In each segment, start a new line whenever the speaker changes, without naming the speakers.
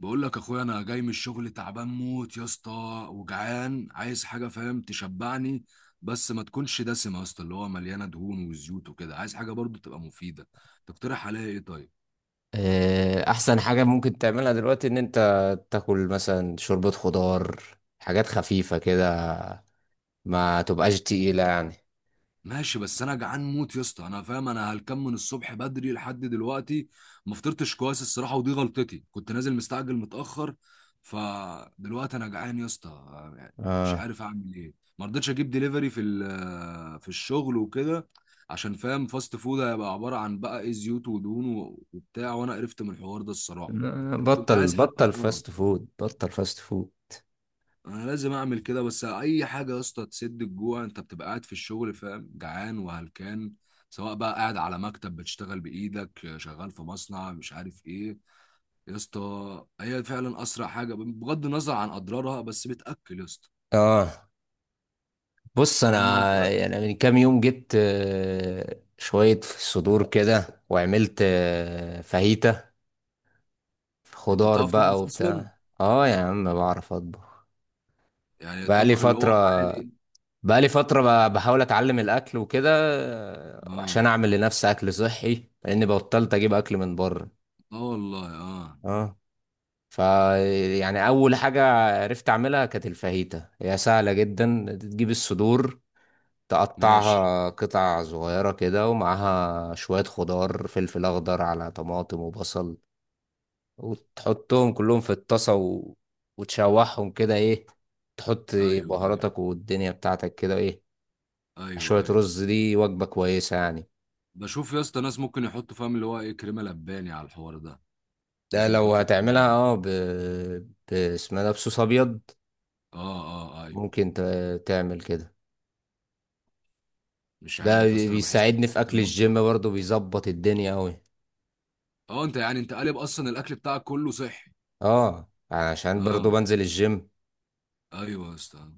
بقول لك اخويا، انا جاي من الشغل تعبان موت يا اسطى، وجعان عايز حاجه فاهم تشبعني، بس ما تكونش دسمه يا اسطى، اللي هو مليانه دهون وزيوت وكده. عايز حاجه برضو تبقى مفيده. تقترح عليا ايه طيب؟
احسن حاجة ممكن تعملها دلوقتي ان انت تاكل مثلا شوربة خضار، حاجات خفيفة كده، ما تبقاش تقيلة يعني.
ماشي، بس انا جعان موت يا اسطى. انا فاهم انا هلكان من الصبح بدري لحد دلوقتي. ما فطرتش كويس الصراحه، ودي غلطتي، كنت نازل مستعجل متاخر. فدلوقتي انا جعان يا اسطى، يعني مش
اه،
عارف اعمل ايه ما رضيتش اجيب دليفري في الشغل وكده، عشان فاهم فاست فود هيبقى عباره عن بقى ايه، زيوت ودهون وبتاع، وانا قرفت من الحوار ده الصراحه.
لا،
كنت
بطل
عايز حتى
بطل فاست فود، بطل فاست فود.
انا لازم اعمل كده، بس اي حاجه يا اسطى تسد الجوع. انت بتبقى قاعد في الشغل فاهم، جعان وهلكان، سواء بقى قاعد على مكتب بتشتغل بايدك، شغال في مصنع، مش عارف ايه، يا اسطى. هي فعلا اسرع حاجه بغض النظر عن اضرارها، بس بتاكل يا اسطى.
اه، بص، انا
فالموضوع،
يعني من كام يوم جبت شوية صدور كده، وعملت فاهيتا
انت
خضار
بتعرف تطبخ
بقى
اصلا؟
وبتاع. اه يا عم، بعرف اطبخ.
يعني
بقالي
الطبخ اللي هو
فترة.
عادي؟
بقالي فترة. بحاول أتعلم الأكل وكده،
اه،
عشان أعمل لنفسي أكل صحي، لأني بطلت أجيب أكل من بره.
اه والله اه.
اه، ف يعني أول حاجة عرفت أعملها كانت الفاهيتا. هي سهلة جدا، تجيب الصدور،
ماشي.
تقطعها قطع صغيرة كده، ومعاها شوية خضار، فلفل أخضر على طماطم وبصل، وتحطهم كلهم في الطاسة وتشوحهم كده، إيه، تحط
ايوه ايوه.
بهاراتك والدنيا بتاعتك كده، إيه،
ايوه
شوية
ايوه.
رز. دي وجبة كويسة يعني.
بشوف يا اسطى ناس ممكن يحطوا فاهم اللي هو ايه، كريمه لباني على الحوار ده،
ده
مثلا
لو
يحطوا
هتعملها
كريمه.
اه اسمها ده بصوص ابيض.
اه اه، آه، ايوه.
ممكن ت... تعمل كده.
مش
ده
عارف يا اسطى، انا بحس
بيساعدني في
في
اكل الجيم
المطبخ.
برضو، بيظبط الدنيا اوي.
اه، انت يعني انت قالب اصلا الاكل بتاعك كله صحي.
اه، عشان برضو
اه.
بنزل الجيم.
ايوه يا اسطى،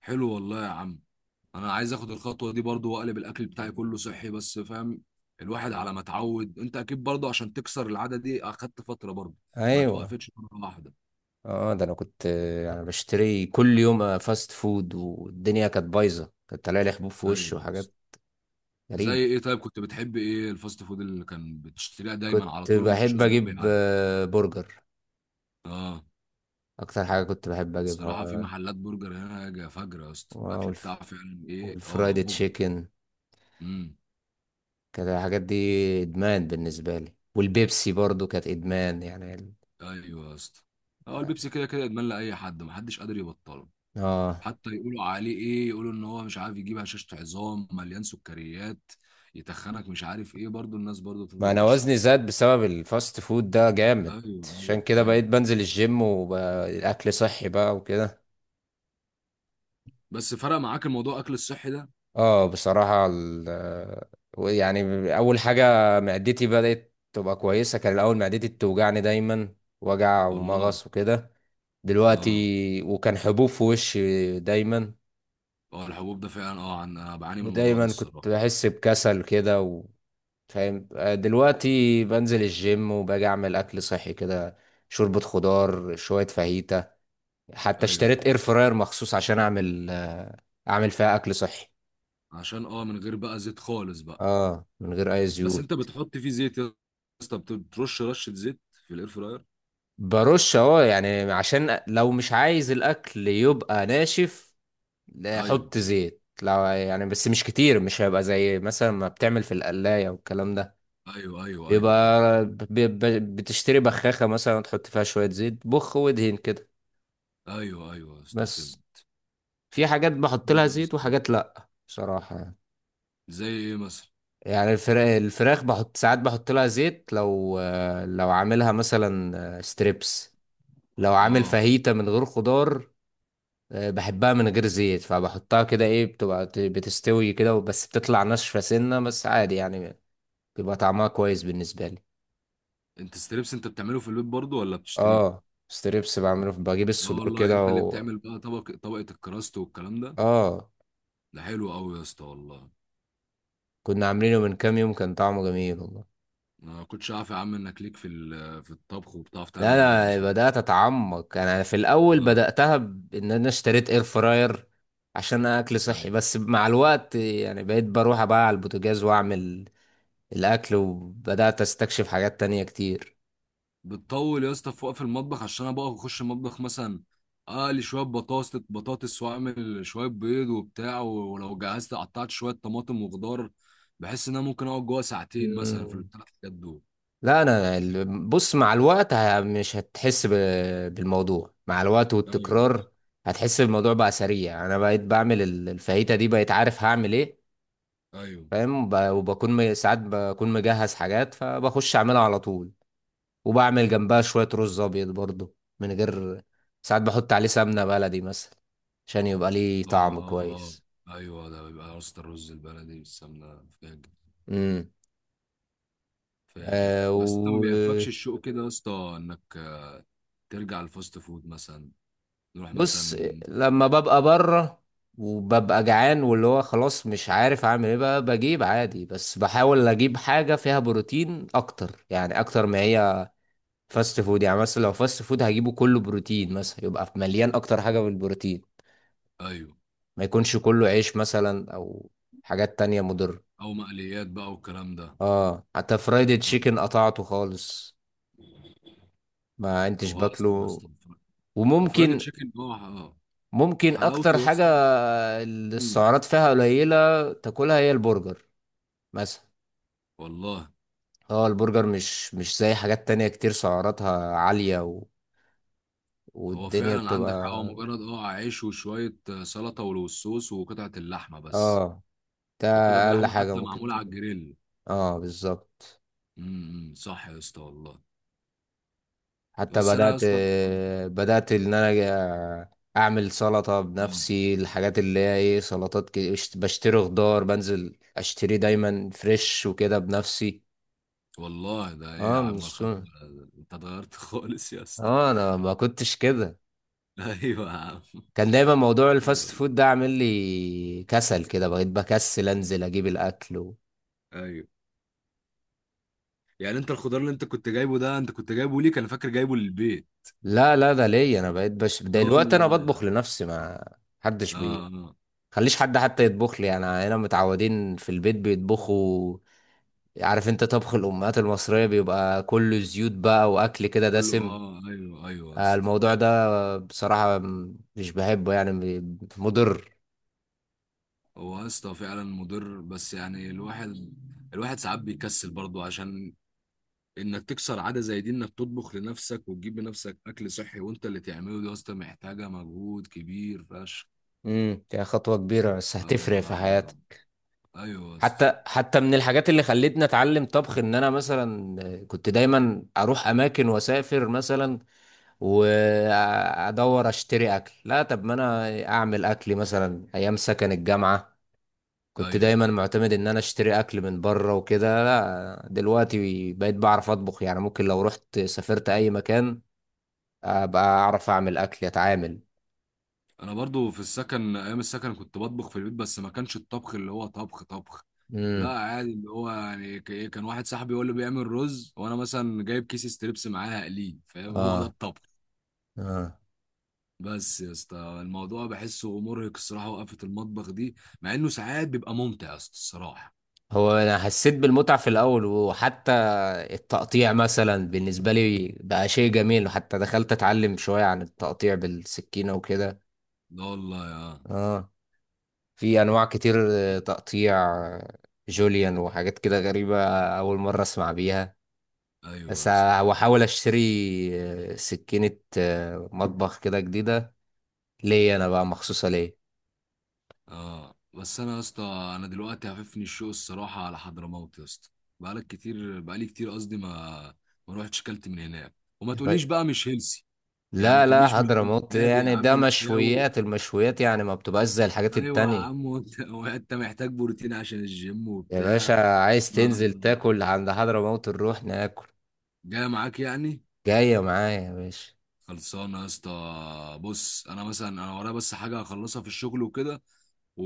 حلو والله يا عم. انا عايز اخد الخطوه دي برضو واقلب الاكل بتاعي كله صحي، بس فاهم الواحد على ما اتعود. انت اكيد برضو عشان تكسر العاده دي اخدت فتره برضو، ما
ايوه.
توقفتش مره واحده.
اه ده انا كنت انا بشتري كل يوم فاست فود، والدنيا كانت بايظه، كانت طالع لي حبوب في وشي
ايوه يا اسطى.
وحاجات
زي
غريب.
ايه طيب؟ كنت بتحب ايه الفاست فود اللي كان بتشتريها دايما على
كنت
طول، ما فيش
بحب
اسبوع
اجيب
بيعدي؟
برجر
اه.
اكتر حاجه كنت بحب اجيبها.
الصراحة في محلات برجر هنا فجرة يا اسطى،
آه،
الأكل
والف-
بتاعه فعلا إيه، أه،
والفرايد
مغري.
تشيكن.
امم.
كانت الحاجات دي ادمان بالنسبه لي، والبيبسي برضو كانت ادمان.
أيوه يا اسطى. هو البيبسي كده كده إدمان لأي حد، محدش قادر يبطله.
اه،
حتى يقولوا عليه إيه، يقولوا إن هو مش عارف يجيب هشاشة عظام، مليان سكريات، يتخنك، مش عارف إيه، برضه الناس برضه
ما
تفضل
انا
تشرب.
وزني زاد بسبب الفاست فود ده جامد.
أيوه
عشان
أيوه
كده بقيت
أيوه.
بنزل الجيم والاكل صحي بقى وكده.
بس فرق معاك الموضوع أكل الصحي ده؟
اه بصراحه يعني اول حاجه معدتي بدات تبقى كويسه. كان الاول معدتي بتوجعني دايما، وجع
والله.
ومغص وكده.
أه.
دلوقتي، وكان حبوب في وشي دايما،
أه، الحبوب ده فعلا أه أنا بعاني من الموضوع ده
ودايما كنت
الصراحة.
بحس بكسل كده. فاهم؟ دلوقتي بنزل الجيم، وباجي اعمل اكل صحي كده، شوربة خضار، شوية فاهيتا. حتى اشتريت
أيوه.
اير فراير مخصوص عشان اعمل اعمل فيها اكل صحي.
عشان أه من غير بقى زيت خالص بقى؟
اه من غير اي
بس انت
زيوت.
بتحط فيه زيت يا اسطى؟ بترش رشه زيت في الاير فراير؟
برش اهو، يعني عشان لو مش عايز الاكل يبقى ناشف. لا،
ايوه.
حط زيت لو يعني، بس مش كتير، مش هيبقى زي مثلا ما بتعمل في القلاية والكلام ده.
ايوه ايوه ايوه. ايوه
يبقى بتشتري بخاخة مثلا وتحط فيها شوية زيت، بخ وادهن كده
ايوه ايوه يا اسطى،
بس.
فهمت.
في حاجات بحط
حلو
لها
يا
زيت،
اسطى.
وحاجات لا بصراحة يعني.
زي ايه مثلا؟
يعني الفراخ بحط ساعات، بحط لها زيت لو، لو عاملها مثلا ستريبس. لو عامل
اه.
فاهيتا من غير خضار، بحبها من غير زيت، فبحطها كده، ايه، بتبقى بتستوي كده، بس بتطلع ناشفة سنة، بس عادي يعني، بيبقى طعمها كويس بالنسبة لي.
انت ستريبس انت بتعمله في البيت برضه ولا بتشتريه؟
اه ستريبس بعمله، بجيب
لا
الصدور
والله،
كده
انت اللي
و...
بتعمل بقى طبق طبقه الكراست والكلام ده؟
اه،
ده حلو قوي يا اسطى والله.
كنا عاملينه من كام يوم، كان طعمه جميل والله.
انا ما كنتش عارف يا عم انك ليك في الطبخ، وبتعرف
لا
تعمل الحاجات دي
انا
كلها.
بدات اتعمق. انا في الاول
اه.
بداتها بان انا اشتريت اير فراير عشان اكل صحي،
أيوه.
بس مع الوقت يعني بقيت بروح بقى على البوتاجاز واعمل الاكل، وبدات استكشف حاجات تانية كتير.
بتطول يا اسطى في وقف المطبخ؟ عشان انا بقف اخش المطبخ مثلا، اقلي شويه بطاطس واعمل شويه بيض وبتاع، ولو جهزت قطعت شويه طماطم وخضار، بحس ان انا ممكن اقعد جوه ساعتين مثلا في
مم.
الثلاث حاجات دول.
لا انا بص، مع الوقت مش هتحس بالموضوع. مع الوقت
ايوه.
والتكرار هتحس الموضوع بقى سريع. انا بقيت بعمل الفاهيتا دي، بقيت عارف هعمل ايه،
ايوه.
فاهم؟ وبكون ساعات بكون مجهز حاجات، فبخش اعملها على طول. وبعمل جنبها شوية رز أبيض برضو من غير، ساعات بحط عليه سمنة بلدي مثلا عشان يبقى ليه
اه
طعم
اه. اه
كويس.
ايوه، ده بيبقى يا اسطى الرز البلدي بالسمنه فاجر.
امم.
فاجر.
آه.
بس انت ما بيهفكش الشوق كده يا اسطى، انك ترجع الفاست فود مثلا؟ نروح
وبص،
مثلا.
لما ببقى بره وببقى جعان، واللي هو خلاص مش عارف اعمل ايه بقى، بجيب عادي، بس بحاول اجيب حاجة فيها بروتين اكتر، يعني اكتر ما هي فاست فود. يعني مثلا لو فاست فود هجيبه، كله بروتين مثلا، يبقى مليان اكتر حاجة بالبروتين،
ايوه.
ما يكونش كله عيش مثلا، او حاجات تانية مضرة.
او مقليات بقى والكلام ده.
اه حتى فرايدي
آه.
تشيكن قطعته خالص، ما كنتش
هو احسن يا
باكله.
اسطى. هو فرايد
وممكن،
تشيكن هو اه
ممكن اكتر
حلاوته يا
حاجة
اسطى. امم.
السعرات فيها قليلة تاكلها هي البرجر مثلا.
والله.
اه البرجر مش زي حاجات تانية كتير سعراتها عالية و...
هو
والدنيا
فعلا عندك حق، هو
بتبقى،
مجرد اه عيش وشويه سلطه والصوص وقطعه اللحمه بس،
اه ده
وقطعه
اقل
اللحمه
حاجة
حتى
ممكن
معموله على
تاكلها.
الجريل.
اه بالظبط.
امم، صح يا اسطى والله.
حتى
بس انا يا
بدأت،
اسطى.
بدأت إن أنا أعمل سلطة
اه
بنفسي، الحاجات اللي هي إيه، سلطات كده، بشتري خضار، بنزل أشتري دايما فريش وكده بنفسي.
والله ده ايه يا
اه من
عم الخطوه
السوق.
ده؟ انت اتغيرت خالص يا اسطى.
اه أنا ما كنتش كده،
ايوه يا عم.
كان دايما موضوع
حلو
الفاست
والله.
فود ده عامل لي كسل كده، بقيت بكسل أنزل أجيب الأكل و...
ايوه. يعني انت الخضار اللي انت كنت جايبه ده، انت كنت جايبه ليك؟ انا فاكر جايبه للبيت.
لا لا، ده ليا أنا، بقيت
اه
دلوقتي أنا
والله يا
بطبخ
عم.
لنفسي. ما حدش
اه
بي
اه.
خليش حد حتى يطبخ لي يعني. هنا متعودين في البيت بيطبخوا، عارف انت، طبخ الامهات المصريه بيبقى كله زيوت بقى، واكل كده
قول له
دسم.
اه. ايوه ايوه يا اسطى.
الموضوع ده بصراحه مش بحبه يعني، مضر.
هو يا اسطى فعلا مضر، بس يعني الواحد، الواحد ساعات بيكسل برضه، عشان انك تكسر عاده زي دي، انك تطبخ لنفسك وتجيب لنفسك اكل صحي وانت اللي تعمله، دي يا اسطى محتاجه مجهود كبير فشخ.
امم، يعني خطوه كبيره بس هتفرق في
آه.
حياتك.
ايوه يا اسطى.
حتى من الحاجات اللي خلتني اتعلم طبخ، ان انا مثلا كنت دايما اروح اماكن واسافر مثلا، وادور اشتري اكل. لا، طب ما انا اعمل اكلي مثلا. ايام سكن الجامعه كنت
ايوه.
دايما معتمد ان انا اشتري اكل من بره وكده. لا دلوقتي بقيت بعرف اطبخ يعني، ممكن لو رحت سافرت اي مكان ابقى اعرف اعمل اكل، اتعامل.
انا برضه في السكن، ايام السكن كنت بطبخ في البيت، بس ما كانش الطبخ اللي هو طبخ طبخ.
امم.
لا عادي، اللي هو يعني كان واحد صاحبي هو اللي بيعمل رز، وانا مثلا جايب كيس ستريبس معاه هقليه، فاهم؟ هو ده
اه.
الطبخ.
اه
بس يا اسطى الموضوع بحسه مرهق الصراحه، وقفه المطبخ دي، مع انه ساعات بيبقى ممتع يا اسطى الصراحه.
هو انا حسيت بالمتعة في الاول، وحتى التقطيع مثلا بالنسبة لي بقى شيء جميل، وحتى دخلت اتعلم شوية عن التقطيع بالسكينة وكده.
لا والله يا.
اه، في انواع كتير تقطيع، جوليان وحاجات كده غريبة، اول مرة اسمع بيها.
ايوه
بس
يا اسطى.
هحاول اشتري سكينة مطبخ كده جديدة ليا انا بقى، مخصوصة ليا.
اه، بس انا يا اسطى، انا دلوقتي هففني الشوق الصراحه على حضرموت يا اسطى. بقالك كتير، بقالي كتير قصدي، ما ما روحتش كلت من هناك. وما تقوليش
يبقى-
بقى مش هيلسي، يعني ما
لا لا،
تقوليش مش هيلثي.
حضرموت
عادي يا
يعني
عم،
ده
مشاوي.
مشويات، المشويات يعني ما بتبقاش زي الحاجات
ايوه يا
التانية.
عم، وانت وانت محتاج بروتين عشان الجيم
يا باشا
وبتاع.
عايز تنزل
آه.
تاكل عند حضرموت، نروح ناكل.
جاي معاك يعني؟
جاية معايا يا باشا.
خلصانه يا اسطى. بص انا مثلا، انا ورايا بس حاجه هخلصها في الشغل وكده، و...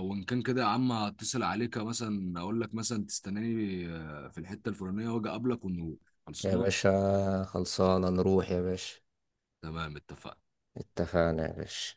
وان كان كده يا عم هتصل عليك مثلا، اقول لك مثلا تستناني في الحته الفلانيه واجي اقابلك ونقول.
يا
خلصانه.
باشا خلصانة، نروح يا باشا.
تمام، اتفقنا.
اتفقنا يا باشا.